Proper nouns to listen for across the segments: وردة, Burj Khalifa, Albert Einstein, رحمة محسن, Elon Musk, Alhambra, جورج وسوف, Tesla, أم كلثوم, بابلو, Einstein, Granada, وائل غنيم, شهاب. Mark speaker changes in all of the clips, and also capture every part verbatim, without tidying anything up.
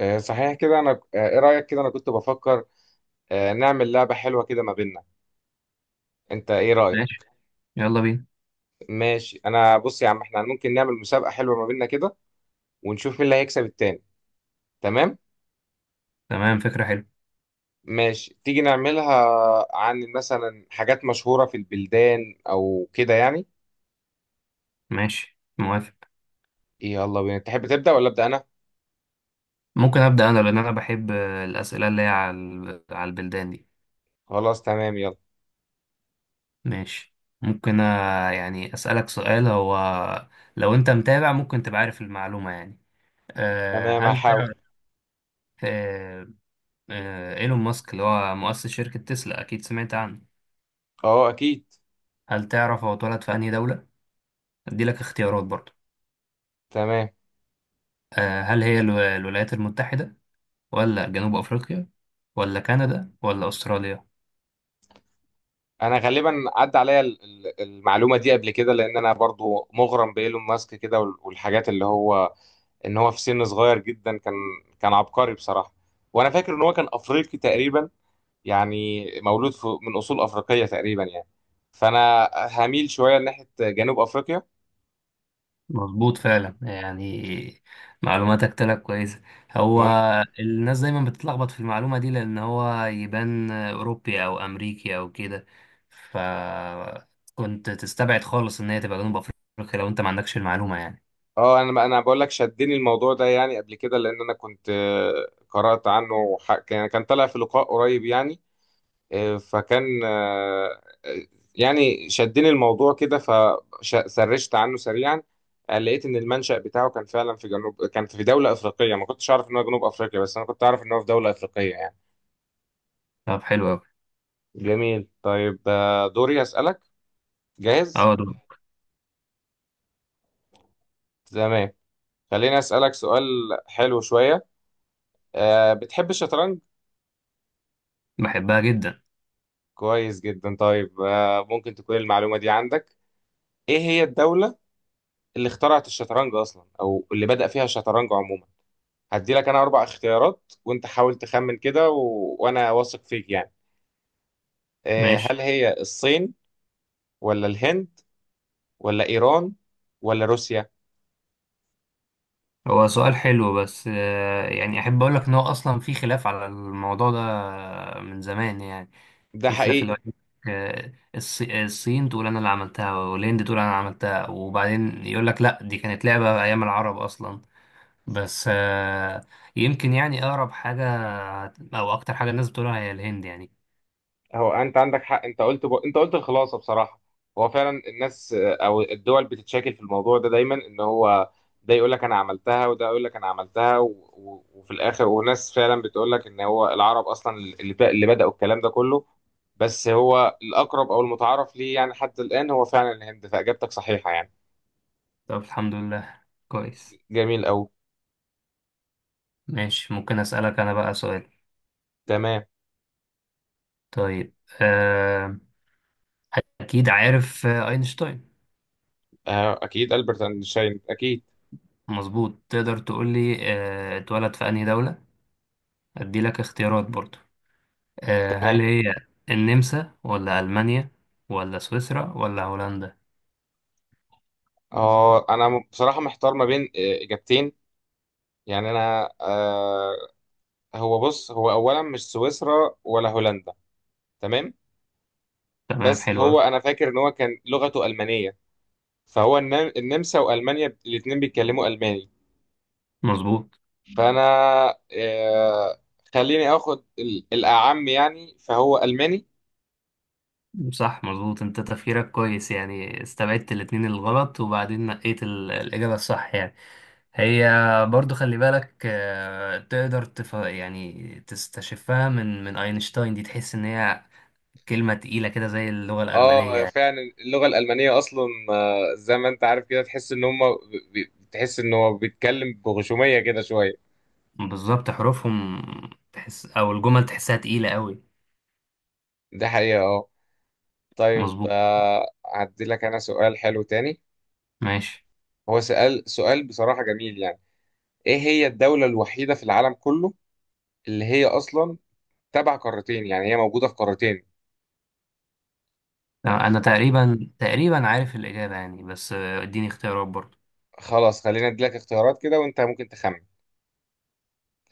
Speaker 1: آه، صحيح كده. انا آه، ايه رايك؟ كده انا كنت بفكر آه، نعمل لعبه حلوه كده ما بيننا. انت ايه رايك؟
Speaker 2: ماشي. يلا بينا.
Speaker 1: ماشي انا، بص يا عم، احنا ممكن نعمل مسابقه حلوه ما بيننا كده، ونشوف مين اللي هيكسب التاني. تمام.
Speaker 2: تمام، فكرة حلوة.
Speaker 1: ماشي تيجي نعملها، عن مثلا حاجات مشهوره في البلدان او كده يعني.
Speaker 2: ماشي، موافق.
Speaker 1: يلا بينا. تحب تبدا ولا ابدا انا؟
Speaker 2: ممكن أبدأ أنا لأن أنا بحب الأسئلة اللي هي على ال- على البلدان دي.
Speaker 1: خلاص تمام يلا.
Speaker 2: ماشي. ممكن آه، يعني أسألك سؤال. هو لو أنت متابع ممكن تبقى عارف المعلومة يعني. أه
Speaker 1: تمام
Speaker 2: هل
Speaker 1: هحاول.
Speaker 2: تعرف أه أه إيلون ماسك اللي هو مؤسس شركة تسلا؟ أكيد سمعت عنه.
Speaker 1: اه اكيد.
Speaker 2: هل تعرف هو اتولد في أنهي دولة؟ أدي لك اختيارات برضه.
Speaker 1: تمام.
Speaker 2: أه هل هي الو- الولايات المتحدة، ولا جنوب أفريقيا، ولا كندا، ولا أستراليا؟
Speaker 1: انا غالبا عدى عليا ال- ال- المعلومه دي قبل كده، لان انا برضو مغرم بايلون ماسك كده، وال- والحاجات اللي هو ان هو في سن صغير جدا كان كان عبقري بصراحه. وانا فاكر ان هو كان افريقي تقريبا، يعني مولود في من اصول افريقيه تقريبا يعني. فانا هميل شويه ناحيه جنوب افريقيا.
Speaker 2: مظبوط فعلا يعني، معلوماتك طلعت كويسة. هو
Speaker 1: ما-
Speaker 2: الناس دايما بتتلخبط في المعلومة دي لأن هو يبان أوروبي أو أمريكي أو كده، فكنت تستبعد خالص إن هي تبقى جنوب أفريقيا لو أنت ما عندكش المعلومة يعني.
Speaker 1: اه، انا انا بقول لك، شدني الموضوع ده يعني قبل كده، لان انا كنت آه، قرات عنه، وح- كان كان طالع في لقاء قريب يعني. آه، فكان آه، يعني شدني الموضوع كده فسرشت عنه سريعا. آه، لقيت ان المنشأ بتاعه كان فعلا في جنوب، كان في دولة افريقية. ما كنتش اعرف ان هو جنوب افريقيا بس انا كنت اعرف ان هو في دولة افريقية يعني.
Speaker 2: طب حلو أوي.
Speaker 1: جميل طيب، آه، دوري اسألك. جاهز؟
Speaker 2: أه دول.
Speaker 1: تمام. خليني اسألك سؤال حلو شوية. آه، بتحب الشطرنج؟
Speaker 2: بحبها جدا.
Speaker 1: كويس جدا. طيب آه، ممكن تكون المعلومة دي عندك. ايه هي الدولة اللي اخترعت الشطرنج اصلا، او اللي بدأ فيها الشطرنج عموما؟ هدي لك انا اربع اختيارات وانت حاول تخمن كده و... وانا واثق فيك يعني. آه،
Speaker 2: ماشي.
Speaker 1: هل هي الصين، ولا الهند، ولا ايران، ولا روسيا؟
Speaker 2: هو سؤال حلو، بس آه، يعني احب اقول لك ان هو اصلا في خلاف على الموضوع ده من زمان يعني.
Speaker 1: ده
Speaker 2: في خلاف اللي هو
Speaker 1: حقيقي.
Speaker 2: يقولك، آه، الص- الصين تقول انا اللي عملتها، والهند تقول انا عملتها، وبعدين يقول لك لا دي كانت لعبة ايام العرب اصلا. بس آه، يمكن يعني اقرب حاجة او اكتر حاجة الناس بتقولها هي الهند يعني.
Speaker 1: هو انت عندك حق، انت قلت جو... انت قلت الخلاصه بصراحه. هو فعلا الناس آه، او الدول بتتشاكل في الموضوع ده دايما، ان هو ده يقول لك انا عملتها، وده يقول لك انا عملتها، و... و... وفي الاخر، وناس فعلا بتقول لك ان هو العرب اصلا اللي, ب... اللي بداوا الكلام ده كله. بس هو الاقرب او المتعارف ليه يعني حتى الان هو فعلا الهند، فاجابتك صحيحه يعني.
Speaker 2: طب الحمد لله. كويس.
Speaker 1: جميل قوي.
Speaker 2: ماشي. ممكن اسألك انا بقى سؤال؟
Speaker 1: تمام.
Speaker 2: طيب. آه، اكيد عارف آه، اينشتاين؟
Speaker 1: آه، اكيد البرت اينشتاين اكيد.
Speaker 2: مظبوط. تقدر تقول لي آه، اتولد في أنهي دولة؟ أدي لك اختيارات برضو. آه،
Speaker 1: تمام.
Speaker 2: هل هي النمسا، ولا ألمانيا، ولا سويسرا، ولا هولندا؟
Speaker 1: اه انا م- بصراحه محتار ما بين آه، اجابتين يعني. انا آه هو بص، هو اولا مش سويسرا ولا هولندا. تمام.
Speaker 2: تمام،
Speaker 1: بس
Speaker 2: حلو
Speaker 1: هو
Speaker 2: أوي.
Speaker 1: انا فاكر ان هو كان لغته المانيه، فهو النم- النمسا والمانيا الاثنين بيتكلموا الماني.
Speaker 2: مظبوط.
Speaker 1: فانا آه خليني اخد ال- الاعم يعني، فهو الماني.
Speaker 2: صح، مظبوط، انت تفكيرك كويس يعني، استبعدت الاتنين الغلط وبعدين نقيت ال- الإجابة الصح يعني. هي، برضو خلي بالك آه، تقدر تف... يعني تستشفها من من أينشتاين دي، تحس إن هي كلمة تقيلة كده زي اللغة
Speaker 1: اه
Speaker 2: الألمانية.
Speaker 1: فعلا اللغه الالمانيه اصلا، آه، زي ما انت عارف كده تحس ان هم، بي- تحس ان هو بيتكلم بغشوميه كده شويه.
Speaker 2: بالظبط حروفهم. تحس او الجمل تحسها تقيلة قوي.
Speaker 1: ده حقيقه اه. طيب
Speaker 2: مظبوط.
Speaker 1: آه هدي لك انا سؤال حلو تاني.
Speaker 2: ماشي.
Speaker 1: هو سؤال سؤال بصراحه جميل يعني. ايه هي الدولة الوحيدة في العالم كله اللي هي اصلا تبع قارتين، يعني هي موجودة في قارتين؟
Speaker 2: انا تقريبا تقريبا عارف الاجابة يعني، بس آه، اديني اختيارات برضه.
Speaker 1: خلاص خلينا اديلك اختيارات كده وانت ممكن تخمن.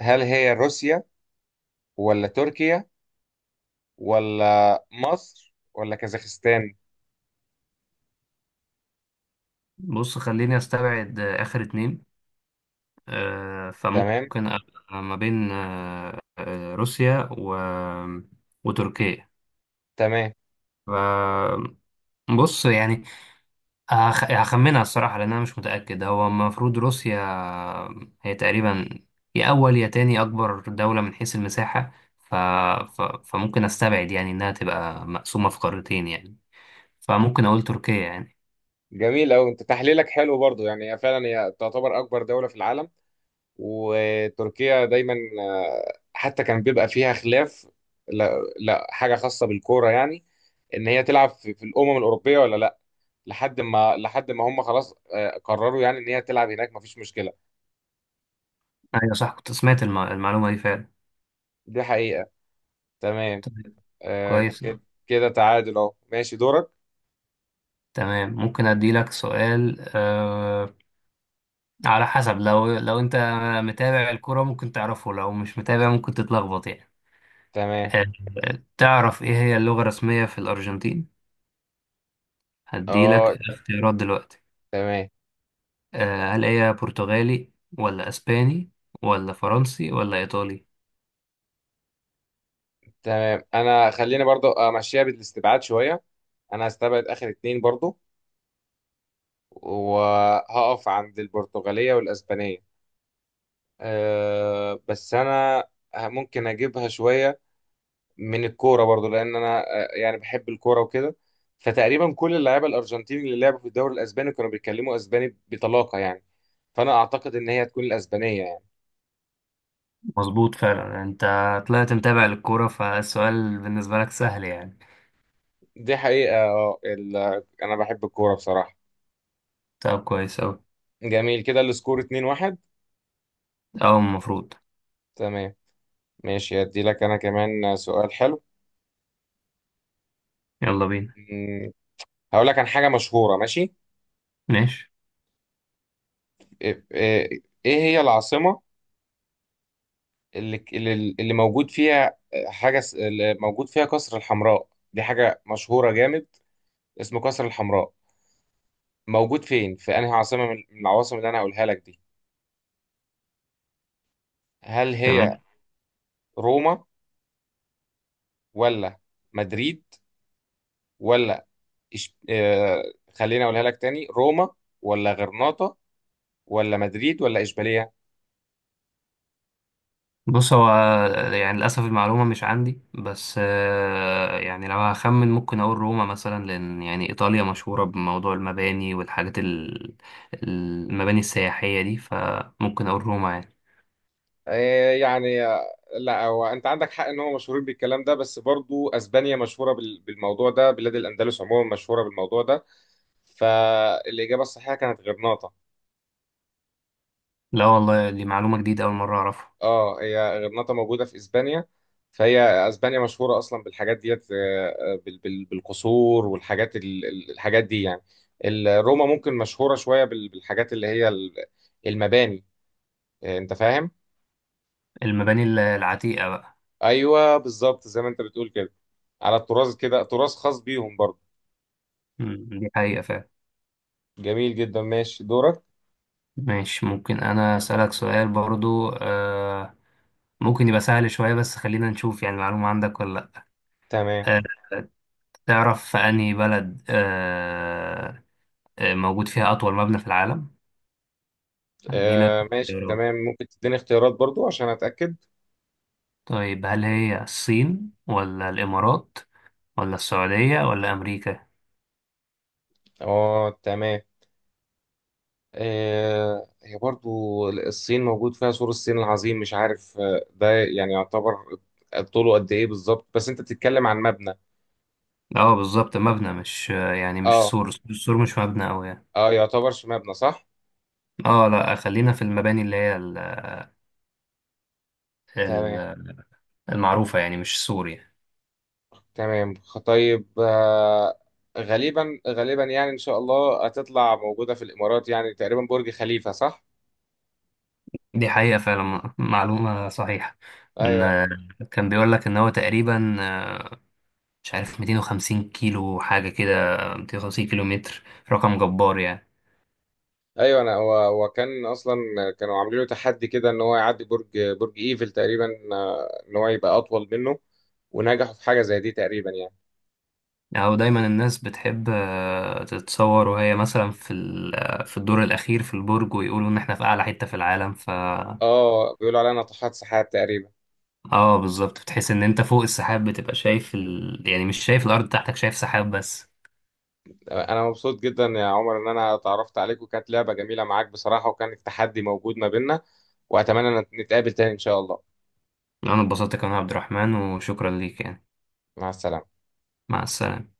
Speaker 1: هل هي روسيا، ولا تركيا، ولا مصر، ولا كازاخستان؟
Speaker 2: بص، خليني استبعد آه، اخر اتنين. آه،
Speaker 1: تمام.
Speaker 2: فممكن أبقى ما بين آه، آه، روسيا و... وتركيا.
Speaker 1: تمام.
Speaker 2: ف- بص يعني، هخ- هخمنها الصراحة، لأن أنا مش متأكد. هو المفروض روسيا. هي تقريبا يا أول يا تاني أكبر دولة من حيث المساحة. ف... ف... فممكن أستبعد يعني إنها تبقى مقسومة في قارتين يعني، فممكن أقول تركيا يعني.
Speaker 1: جميل أوي، انت تحليلك حلو برضو يعني. هي فعلا هي تعتبر اكبر دولة في العالم. وتركيا دايما آه، حتى كان بيبقى فيها خلاف. لا, لا حاجة خاصة بالكورة يعني، ان هي تلعب في في الامم الاوروبية ولا لا. لحد ما لحد ما هم خلاص آه، قرروا يعني ان هي تلعب هناك مفيش مشكله.
Speaker 2: أيوة صح، كنت سمعت الم... المعلومة دي فعلا.
Speaker 1: دي حقيقه. تمام
Speaker 2: طيب،
Speaker 1: آه،
Speaker 2: كويس أوي.
Speaker 1: كده. كده تعادل اهو. ماشي دورك.
Speaker 2: تمام، ممكن أدي لك سؤال. أه... على حسب، لو لو أنت متابع الكرة ممكن تعرفه، لو مش متابع ممكن تتلخبط يعني.
Speaker 1: تمام.
Speaker 2: أه... تعرف إيه هي اللغة الرسمية في الأرجنتين؟
Speaker 1: اه
Speaker 2: هديلك الاختيارات دلوقتي.
Speaker 1: تمام.
Speaker 2: آه هل هي برتغالي، ولا اسباني، ولا فرنسي، ولا ايطالي؟
Speaker 1: تمام انا خليني برضو امشيها بالاستبعاد شويه. انا هستبعد اخر اتنين برضو، وهقف عند البرتغاليه والاسبانيه. أه بس انا ممكن اجيبها شويه من الكوره برضو، لان انا آه، يعني بحب الكوره وكده. فتقريبا كل اللعيبه الارجنتين اللي لعبوا في الدوري الاسباني كانوا بيتكلموا اسباني بطلاقه يعني. فانا اعتقد ان هي هتكون الاسبانيه يعني.
Speaker 2: مظبوط فعلا، انت طلعت متابع للكورة، فالسؤال بالنسبة لك سهل يعني.
Speaker 1: دي حقيقه آه، ال- انا بحب الكوره بصراحه.
Speaker 2: طب كويس اوي.
Speaker 1: جميل كده السكور اتنين واحد.
Speaker 2: او المفروض.
Speaker 1: تمام. ماشي هدي لك انا كمان سؤال حلو.
Speaker 2: يلا بينا.
Speaker 1: مم، هقول لك عن حاجه مشهوره ماشي.
Speaker 2: ماشي.
Speaker 1: ايه إيه- إيه هي العاصمه اللي اللي اللي موجود فيها آه، حاجه س- اللي موجود فيها قصر الحمراء؟ دي حاجه مشهوره جامد، اسمه قصر الحمراء. موجود فين، في انهي عاصمة من من العواصم اللي انا هقولها لك دي؟ هل هي
Speaker 2: تمام.
Speaker 1: روما، ولا مدريد، ولا إش... آه... خليني اقولها لك تاني. روما، ولا غرناطة، ولا مدريد، ولا اشبيلية؟
Speaker 2: بص هو يعني، للأسف المعلومة مش عندي، بس آه، يعني لو هخمن ممكن أقول روما مثلا، لأن يعني إيطاليا مشهورة بموضوع المباني والحاجات ال- المباني السياحية دي، فممكن أقول روما يعني.
Speaker 1: آه يعني آه، لا هو انت عندك حق ان هو مشهورين بالكلام ده، بس برضو اسبانيا مشهورة بال... بالموضوع ده. بلاد الاندلس عموما مشهورة بالموضوع ده. فالاجابة الصحيحة كانت غرناطة.
Speaker 2: لا والله، دي معلومة جديدة، أول مرة أعرفها.
Speaker 1: اه هي غرناطة موجودة في اسبانيا. فهي اسبانيا مشهورة اصلا بالحاجات ديت آه، آه، بال- بال- بالقصور، والحاجات ال- ال- الحاجات دي يعني. ال- روما ممكن مشهورة شوية بال- بالحاجات اللي هي ال- المباني. آه، انت فاهم.
Speaker 2: المباني ال- العتيقة بقى.
Speaker 1: ايوه بالظبط زي ما انت بتقول كده، على التراث كده، تراث خاص بيهم برضه.
Speaker 2: مم، دي حقيقة فعلا.
Speaker 1: جميل جدا ماشي دورك.
Speaker 2: ماشي. ممكن أنا أسألك سؤال برضو؟ آه ممكن يبقى سهل شوية، بس خلينا نشوف يعني المعلومة عندك ولا لأ.
Speaker 1: تمام
Speaker 2: آه تعرف في أنهي بلد آه آه، موجود فيها أطول مبنى في العالم؟ هديلك
Speaker 1: آه ماشي.
Speaker 2: اختيارات.
Speaker 1: تمام ممكن تديني اختيارات برضو عشان اتاكد.
Speaker 2: طيب، هل هي الصين، ولا الإمارات، ولا السعودية، ولا أمريكا؟
Speaker 1: اه تمام. آه، هي برضو الصين موجود فيها سور الصين العظيم، مش عارف آه، ده يعني يعتبر طوله قد ايه بالظبط. بس انت بتتكلم عن مبنى.
Speaker 2: اه، بالظبط، مبنى مش آه، يعني، مش
Speaker 1: اه
Speaker 2: سور، السور مش مبنى أوي يعني.
Speaker 1: اه يعتبر مبنى صح.
Speaker 2: اه، لا خلينا في المباني اللي هي
Speaker 1: تمام.
Speaker 2: ال- المعروفة يعني، مش سوري.
Speaker 1: تمام خ- طيب، آه، غالبا غالبا يعني ان شاء الله هتطلع موجودة في الامارات، يعني تقريبا برج خليفة صح.
Speaker 2: دي حقيقة فعلا، معلومة صحيحة. إن
Speaker 1: ايوه.
Speaker 2: كان بيقول لك إن هو تقريبا آه، مش عارف، مئتين وخمسين كيلو حاجة كده، مئتين وخمسين كيلو متر، رقم جبار يعني.
Speaker 1: ايوه انا، هو هو كان اصلا كانوا عاملين له تحدي كده ان هو يعدي برج، برج ايفل تقريبا. آه، ان هو يبقى اطول منه، ونجحوا في حاجة زي دي تقريبا يعني.
Speaker 2: أو دايما الناس بتحب آه، تتصور وهي مثلا في ال- آه، في الدور الأخير في البرج، ويقولوا إن إحنا في أعلى حتة في العالم ف
Speaker 1: اه بيقولوا عليا ناطحات سحاب تقريبا.
Speaker 2: آه، بالظبط، بتحس إن أنت فوق السحاب، بتبقى شايف ال... يعني مش شايف الأرض تحتك، شايف سحاب بس.
Speaker 1: انا مبسوط جدا يا عمر ان انا اتعرفت عليك، وكانت لعبة جميلة معاك بصراحة، وكان التحدي موجود ما بيننا. واتمنى ان نتقابل تاني ان شاء الله.
Speaker 2: أنا اتبسطت كمان يا عبد الرحمن، وشكرا ليك يعني.
Speaker 1: مع السلامة.
Speaker 2: مع السلامة.